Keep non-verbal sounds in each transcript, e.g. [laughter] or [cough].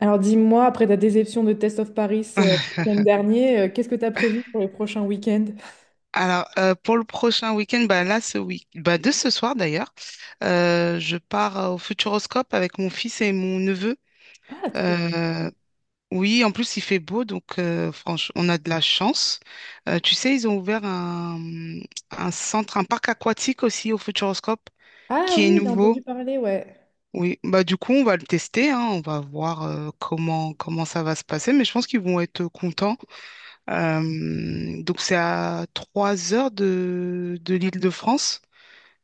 Alors dis-moi, après ta déception de Test of Paris le week-end [laughs] dernier, qu'est-ce que tu as prévu pour le prochain week-end? Alors, pour le prochain week-end, bah là, ce week bah de ce soir d'ailleurs, je pars au Futuroscope avec mon fils et mon neveu. Ah, trop. Euh, oui, en plus, il fait beau, donc franchement, on a de la chance. Tu sais, ils ont ouvert un centre, un parc aquatique aussi au Futuroscope, Ah qui est oui, j'ai nouveau. entendu parler, ouais. Oui, bah du coup, on va le tester, hein, on va voir comment ça va se passer, mais je pense qu'ils vont être contents. Donc c'est à 3 heures de l'Île-de-France.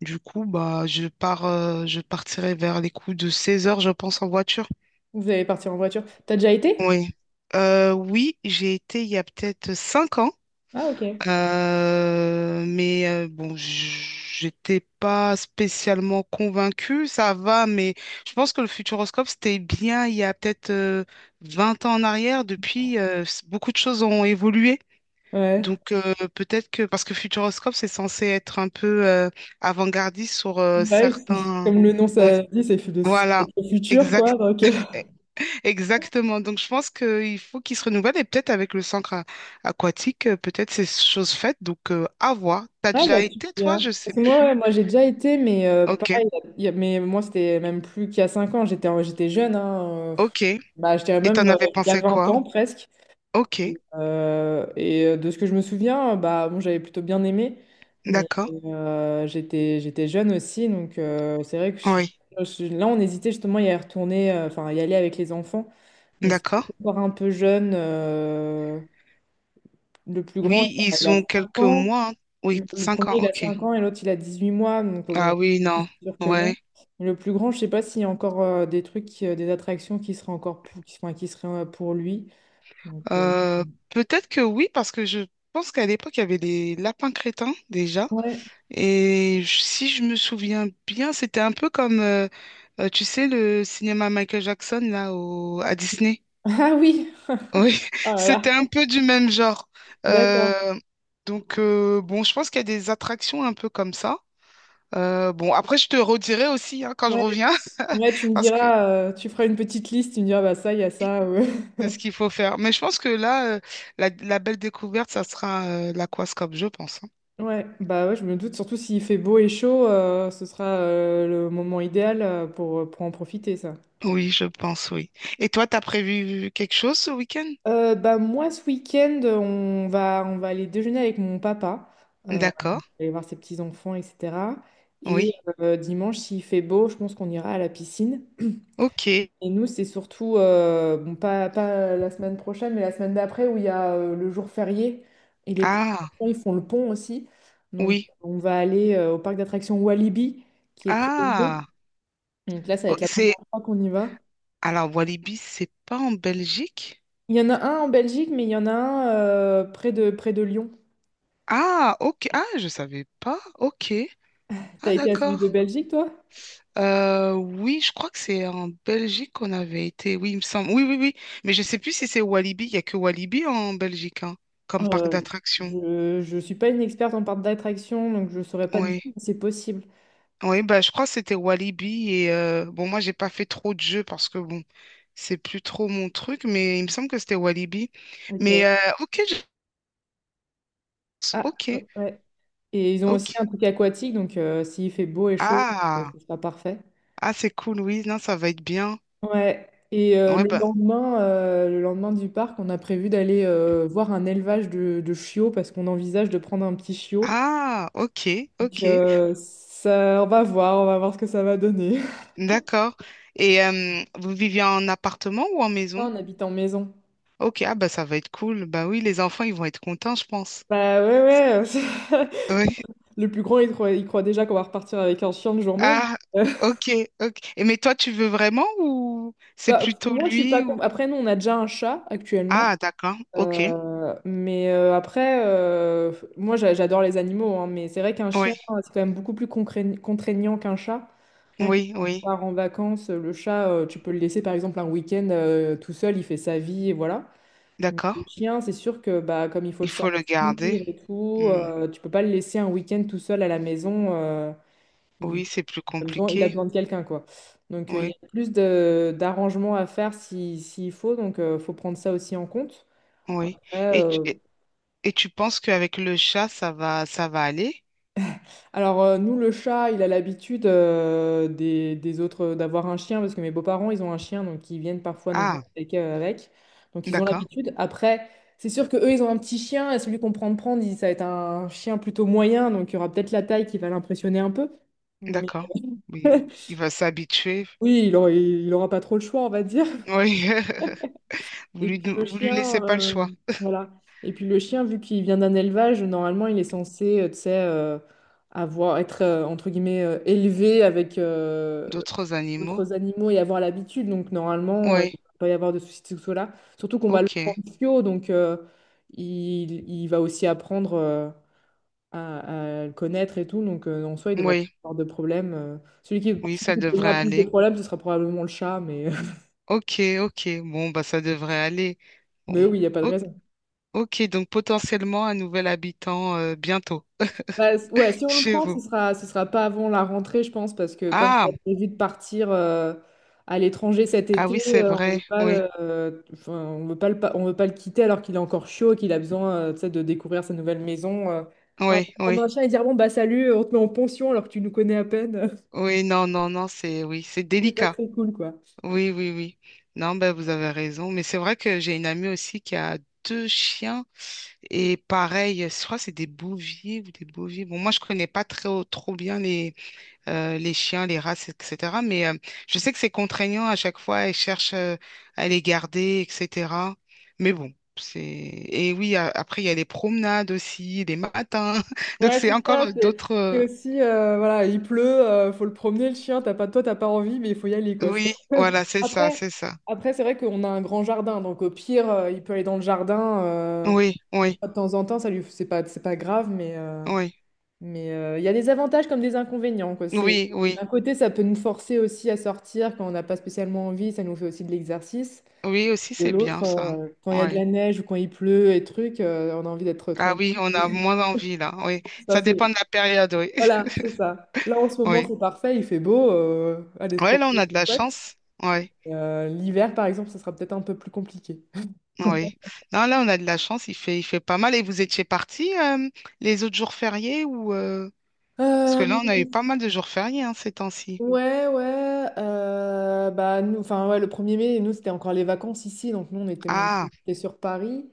Du coup, bah, je partirai vers les coups de 16 heures, je pense, en voiture. Vous allez partir en voiture. T'as déjà été? Oui. Oui, j'ai été il y a peut-être 5 ans. Ah, ok. Mais bon, j'étais pas spécialement convaincue, ça va, mais je pense que le futuroscope, c'était bien il y a peut-être 20 ans en arrière. Depuis, beaucoup de choses ont évolué. Ouais. Donc peut-être que parce que Futuroscope c'est censé être un peu avant-gardiste sur Ouais, [laughs] certains. comme le nom Oui, ça dit, c'est voilà, le futur, exact quoi. Exactement. Donc je pense qu'il faut qu'il se renouvelle, et peut-être avec le centre aquatique, peut-être c'est chose faite, donc à voir. T'as Ah déjà bah tu me été, toi? diras. Je sais Parce que moi, ouais, plus. moi j'ai déjà été, mais Ok. pareil, mais moi c'était même plus qu'il y a 5 ans, j'étais jeune, hein, Ok. Et bah, je dirais même t'en avais il y a pensé 20 quoi? ans presque. Ok. Et de ce que je me souviens, bah, bon, j'avais plutôt bien aimé, mais D'accord. J'étais jeune aussi, donc c'est vrai que Oui. Là, on hésitait justement à y retourner, enfin, à y aller avec les enfants, mais ils sont D'accord. encore un peu jeunes. Le plus grand, Oui, il ils a, il ont 5 quelques ans, mois, hein. Oui, le cinq premier, ans il a Ok. 5 ans, et l'autre, il a 18 mois, donc Ah bon, oui, c'est non. sûr que Ouais. non. Le plus grand, je sais pas s'il y a encore des trucs, des attractions qui seraient encore pour, qui, enfin, qui seraient pour lui. Donc, euh, Euh, Peut-être que oui, parce que je pense qu'à l'époque, il y avait les lapins crétins déjà. ouais. [laughs] Si je me souviens bien, c'était un peu comme, tu sais, le cinéma Michael Jackson, là, à Disney. Ah oui! Oui, Oh [laughs] là c'était là, un peu du même genre. d'accord. Euh, donc, bon, je pense qu'il y a des attractions un peu comme ça. Bon, après, je te redirai aussi, hein, quand je Ouais, reviens. ouais, tu [laughs] me Parce que diras, tu feras une petite liste, tu me diras, bah ça, il y a oui, ça. Ouais. de ce qu'il faut faire. Mais je pense que là, la belle découverte, ça sera l'aquascope, je pense, hein. [laughs] Ouais, bah ouais, je me doute, surtout s'il fait beau et chaud, ce sera le moment idéal pour en profiter, ça. Oui, je pense, oui. Et toi, t'as prévu quelque chose ce week-end? Bah moi, ce week-end, on va aller déjeuner avec mon papa, euh, D'accord, aller voir ses petits-enfants, etc. Et oui. Dimanche, s'il fait beau, je pense qu'on ira à la piscine. Ok. Et nous, c'est surtout, bon, pas la semaine prochaine, mais la semaine d'après où il y a le jour férié et les Ah, ils font le pont aussi. Donc, oui. on va aller au parc d'attractions Walibi qui est près de Lyon. Ah, Donc là, ça va oh, être la c'est... première fois qu'on y va. Alors, Walibi, c'est pas en Belgique? Il y en a un en Belgique, mais il y en a un près de Lyon. Ah, ok. Ah, je savais pas. Ok. T'as Ah, été à celui de d'accord. Belgique, toi? Oui, je crois que c'est en Belgique qu'on avait été. Oui, il me semble. Oui, oui, oui. Mais je sais plus si c'est Walibi. Il y a que Walibi en Belgique, hein, comme parc Euh, d'attractions. je suis pas une experte en parc d'attraction, donc je ne saurais pas te Oui. dire, mais c'est possible. Oui, bah, je crois que c'était Walibi. Et bon, moi, j'ai pas fait trop de jeux parce que bon, c'est plus trop mon truc, mais il me semble que c'était Walibi. Mais Ok. Ok. Ah, Ok, ouais. Et ils ont ok. aussi un truc aquatique, donc s'il fait beau et chaud, Ah, ce sera parfait. ah, c'est cool. Oui, non, ça va être bien. Ouais. Et euh, Ouais, le bah, lendemain, euh, le lendemain du parc, on a prévu d'aller voir un élevage de chiots parce qu'on envisage de prendre un petit chiot. ah, ok, ok, Donc, ça, on va voir ce que ça va donner. [laughs] d'accord. Et vous viviez en appartement ou en Non, maison? on habite en maison. Ok, ah, bah, ça va être cool. Bah oui, les enfants, ils vont être contents, je pense. Bah ouais, ouais. [laughs] Ouais. Le plus grand, il croit déjà qu'on va repartir avec un chien le jour même. Ah, [laughs] ok, ok. Et mais toi, tu veux vraiment, ou c'est Bah, plutôt moi, je suis pas lui contre. ou... Après, nous, on a déjà un chat actuellement. Ah, d'accord. Ok. Mais après, moi j'adore les animaux, hein, mais c'est vrai qu'un Oui, chien, c'est quand même beaucoup plus contraignant qu'un chat. Rien que oui, quand on oui. part en vacances, le chat, tu peux le laisser par exemple un week-end tout seul, il fait sa vie et voilà. Mais D'accord. le chien, c'est sûr que bah, comme il faut le Il faut sortir le garder. et tout, Hmm. Tu peux pas le laisser un week-end tout seul à la maison. euh, il, Oui, c'est plus il a besoin, il a compliqué. besoin de quelqu'un, quoi. Donc il y Oui, a plus d'arrangements à faire si, s'il faut, donc faut prendre ça aussi en compte. oui. Ouais. Et, tu- et, et tu penses qu'avec le chat, ça va aller? Alors, nous, le chat, il a l'habitude des autres d'avoir un chien parce que mes beaux-parents, ils ont un chien, donc ils viennent parfois nous voir Ah, avec. Donc ils ont d'accord, l'habitude. Après, c'est sûr que eux, ils ont un petit chien et celui qu'on prend de prendre, ça va être un chien plutôt moyen, donc il y aura peut-être la taille qui va l'impressionner un peu. Mais d'accord. Oui. Il va s'habituer. oui, il aura pas trop le choix, on va dire. Oui. [laughs] Et puis le Vous lui laissez chien, pas le choix. voilà. Et puis le chien, vu qu'il vient d'un élevage, normalement, il est censé, tu sais, avoir, être, entre guillemets, élevé avec D'autres animaux? d'autres animaux et avoir l'habitude. Donc, normalement, il Oui. ne va pas y avoir de soucis de ce côté-là. Surtout qu'on va le prendre Ok. fio, donc il va aussi apprendre à le connaître et tout. Donc, en soi, il devrait pas Oui, avoir de problème. Celui qui, oui, celui ça qui devrait posera plus de aller. problèmes, ce sera probablement le chat, mais, [laughs] Ok, ok. Bon, bah, ça devrait aller. mais Bon. oui, il n'y a pas de raison. Ok, donc potentiellement un nouvel habitant bientôt Bah, ouais, si on le chez prend, ce vous. sera, ce sera pas avant la rentrée, je pense, parce que comme Ah, on a prévu de partir à l'étranger cet ah été, oui, c'est on veut vrai. pas, Oui, enfin, on veut pas le quitter alors qu'il est encore chaud, et qu'il a besoin, tu sais, de découvrir sa nouvelle maison. On va pas oui, prendre un oui, chien et dire bon bah salut, on te met en pension alors que tu nous connais à peine. oui. Non, non, non, c'est oui, c'est [laughs] C'est pas délicat. très cool, quoi. Oui, oui, oui. Non, ben vous avez raison. Mais c'est vrai que j'ai une amie aussi qui a deux chiens, et pareil, je crois que c'est des bouviers ou des bouviers. Bon, moi je connais pas très trop bien les chiens, les races, etc. Mais je sais que c'est contraignant à chaque fois, ils cherchent à les garder, etc. Mais bon, c'est... Et oui, après, il y a les promenades aussi, les matins. [laughs] Donc, Ouais, c'est c'est encore ça. C'est d'autres... c'est aussi, voilà, il pleut, faut le promener le chien. T'as pas, toi, t'as pas envie, mais il faut y aller, quoi. Oui, voilà, c'est ça, Après, c'est ça. après, c'est vrai qu'on a un grand jardin, donc au pire, il peut aller dans le jardin. Oui, Une oui, fois de temps en temps, c'est pas grave, mais euh, oui. mais euh, il y a des avantages comme des inconvénients, quoi. Oui, D'un oui. côté, ça peut nous forcer aussi à sortir quand on n'a pas spécialement envie, ça nous fait aussi de l'exercice. Oui, aussi, De c'est l'autre, bien ça. Quand il y a de Oui. la neige ou quand il pleut et trucs, on a envie d'être Ah oui, tranquille. on a moins envie là. Oui. Ça, Ça c'est, dépend de la période, oui. [laughs] voilà, c'est ça. Là, en ce moment, Oui. c'est parfait, il fait beau, allez se Oui, là, on promener, a de c'est la chouette. chance. Oui. L'hiver, par exemple, ça sera peut-être un peu plus compliqué. Oui. Non, là, on a de la chance, il fait pas mal. Et vous étiez partis les autres jours fériés, ou parce que Euh, là, on a eu pas mal de jours fériés, hein, ces temps-ci. Ouais, ouais. Bah, nous, enfin, ouais, le 1er mai, nous, c'était encore les vacances ici. Donc, nous, on était Ah, montés sur Paris.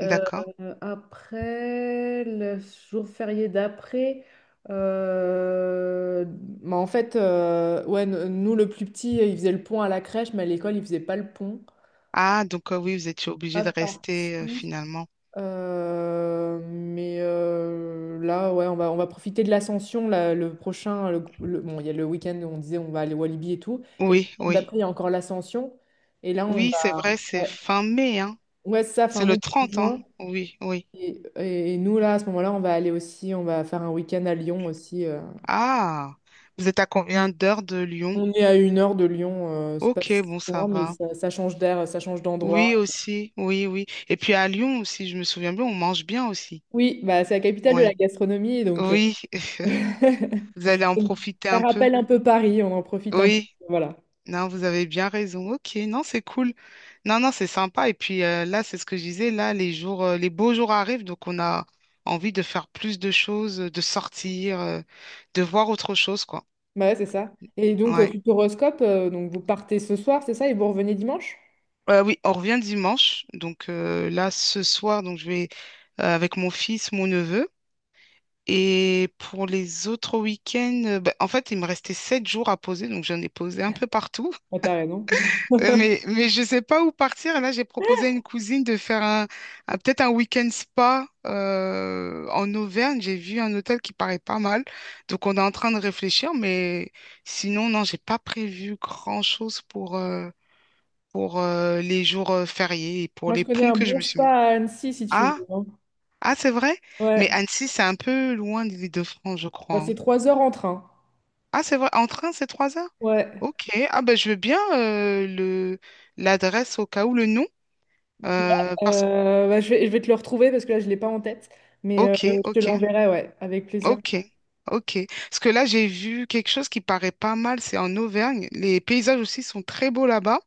Euh, d'accord. Après, le jour férié d'après, bah, en fait, ouais, nous, le plus petit, il faisait le pont à la crèche, mais à l'école, il faisait pas le pont. Ah, donc oui, vous étiez obligé Pas de rester parti. finalement. Mais là, ouais, on va profiter de l'ascension. Là, le prochain, bon, il y a le week-end où on disait on va aller au Walibi et tout. Et le Oui, week-end oui. d'après, il y a encore l'ascension. Et là, on Oui, c'est vrai, va. c'est Ouais, fin mai, hein. ouais, c'est ça, fin C'est le mai, début 30, hein. juin. Oui, oui. Et nous, là, à ce moment-là, on va aller aussi, on va faire un week-end à Lyon aussi. Ah, vous êtes à combien d'heures de Lyon? On est à 1 heure de Lyon, c'est pas Ok, si bon, ça loin, mais va. ça change d'air, ça change d'endroit. Oui, aussi, oui, oui. Et puis à Lyon aussi, je me souviens bien, on mange bien aussi. Oui, bah, c'est la capitale de Oui. la gastronomie, donc. Oui, [laughs] vous allez en profiter Ça un peu. rappelle un peu Paris, on en profite un peu. Oui, Voilà. non, vous avez bien raison. Ok, non, c'est cool. Non, non, c'est sympa. Et puis là, c'est ce que je disais, là, les beaux jours arrivent, donc on a envie de faire plus de choses, de sortir, de voir autre chose, quoi. Bah ouais, c'est ça. Et donc, Ouais. Futuroscope, donc vous partez ce soir, c'est ça, et vous revenez dimanche? Oui, on revient dimanche. Donc là, ce soir, donc je vais avec mon fils, mon neveu. Et pour les autres week-ends, bah, en fait, il me restait 7 jours à poser, donc j'en ai posé un peu partout. Ah, t'as raison. Euh, Mais, [laughs] mais je ne sais pas où partir. Là, j'ai proposé à une cousine de faire peut-être un week-end spa en Auvergne. J'ai vu un hôtel qui paraît pas mal. Donc, on est en train de réfléchir. Mais sinon, non, j'ai pas prévu grand-chose pour les jours fériés et pour Moi, je les connais ponts un que je bon me suis spa mis. à Annecy, si tu veux, Ah, hein. ah, c'est vrai? Mais Ouais. Annecy, c'est un peu loin de l'Île-de-France, je crois, Bah, hein. c'est 3 heures en train. Ah, c'est vrai. En train, c'est 3 heures? Ouais. Ok. Ah, ben, je veux bien l'adresse au cas où, le nom. Parce Bah, je vais te le retrouver parce que là, je ne l'ai pas en tête. Mais Ok, je te ok, l'enverrai, ouais, avec plaisir. ok, ok. Parce que là, j'ai vu quelque chose qui paraît pas mal, c'est en Auvergne. Les paysages aussi sont très beaux là-bas,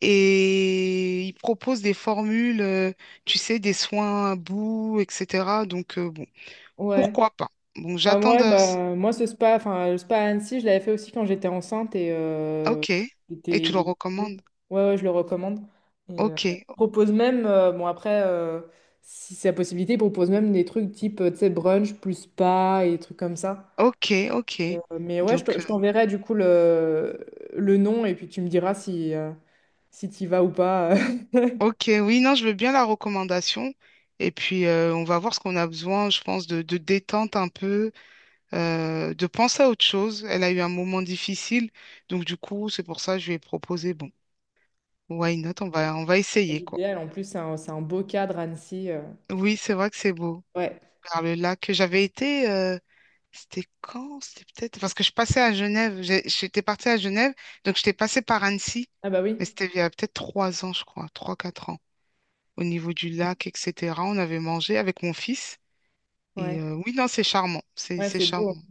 et ils proposent des formules, tu sais, des soins à bout, etc. Donc, bon, Ouais. pourquoi pas? Bon, Bah, j'attends de... ouais, bah, moi, ce spa, enfin, le spa à Annecy, je l'avais fait aussi quand j'étais enceinte et Ok, il et était- tu le il était cool. recommandes? Ouais, ouais, je le recommande. Et, Ok, il propose même, bon, après, si c'est la possibilité, il propose même des trucs type, tu sais, brunch plus spa et des trucs comme ça. ok, ok. Mais ouais, Donc, je t'enverrai du coup le nom et puis tu me diras si tu vas ou pas. [laughs] ok, oui, non, je veux bien la recommandation. Et puis, on va voir ce qu'on a besoin, je pense, de détente un peu. De penser à autre chose. Elle a eu un moment difficile, donc du coup, c'est pour ça que je lui ai proposé, bon, why not, on va essayer, quoi. L'idéal, en plus, c'est un beau cadre, Annecy. Oui, c'est vrai que c'est beau. Ouais. Vers le lac, j'avais été, c'était quand? C'était peut-être, parce que je passais à Genève. J'étais partie à Genève, donc j'étais passée par Annecy, Ah bah oui, mais c'était il y a peut-être 3 ans, je crois, trois, quatre ans, au niveau du lac, etc. On avait mangé avec mon fils, ouais. et oui, non, c'est charmant, Ouais, c'est c'est beau. charmant.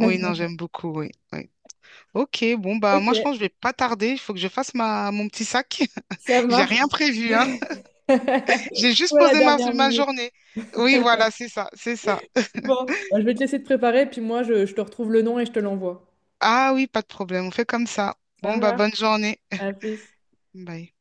Oui, non, j'aime beaucoup, oui. Oui. Ok, bon bah Ok, moi je pense que je vais pas tarder, il faut que je fasse ma mon petit sac. ça [laughs] J'ai marche. rien prévu, hein. J'ai [laughs] Ou juste à la posé dernière ma minute. journée. Oui, voilà, c'est ça, c'est ça. Bon, bah, je vais te laisser te préparer, puis moi, je te retrouve le nom et je te l'envoie. Ah oui, pas de problème, on fait comme ça. Ça Bon bah marche. bonne journée. À plus. Bye.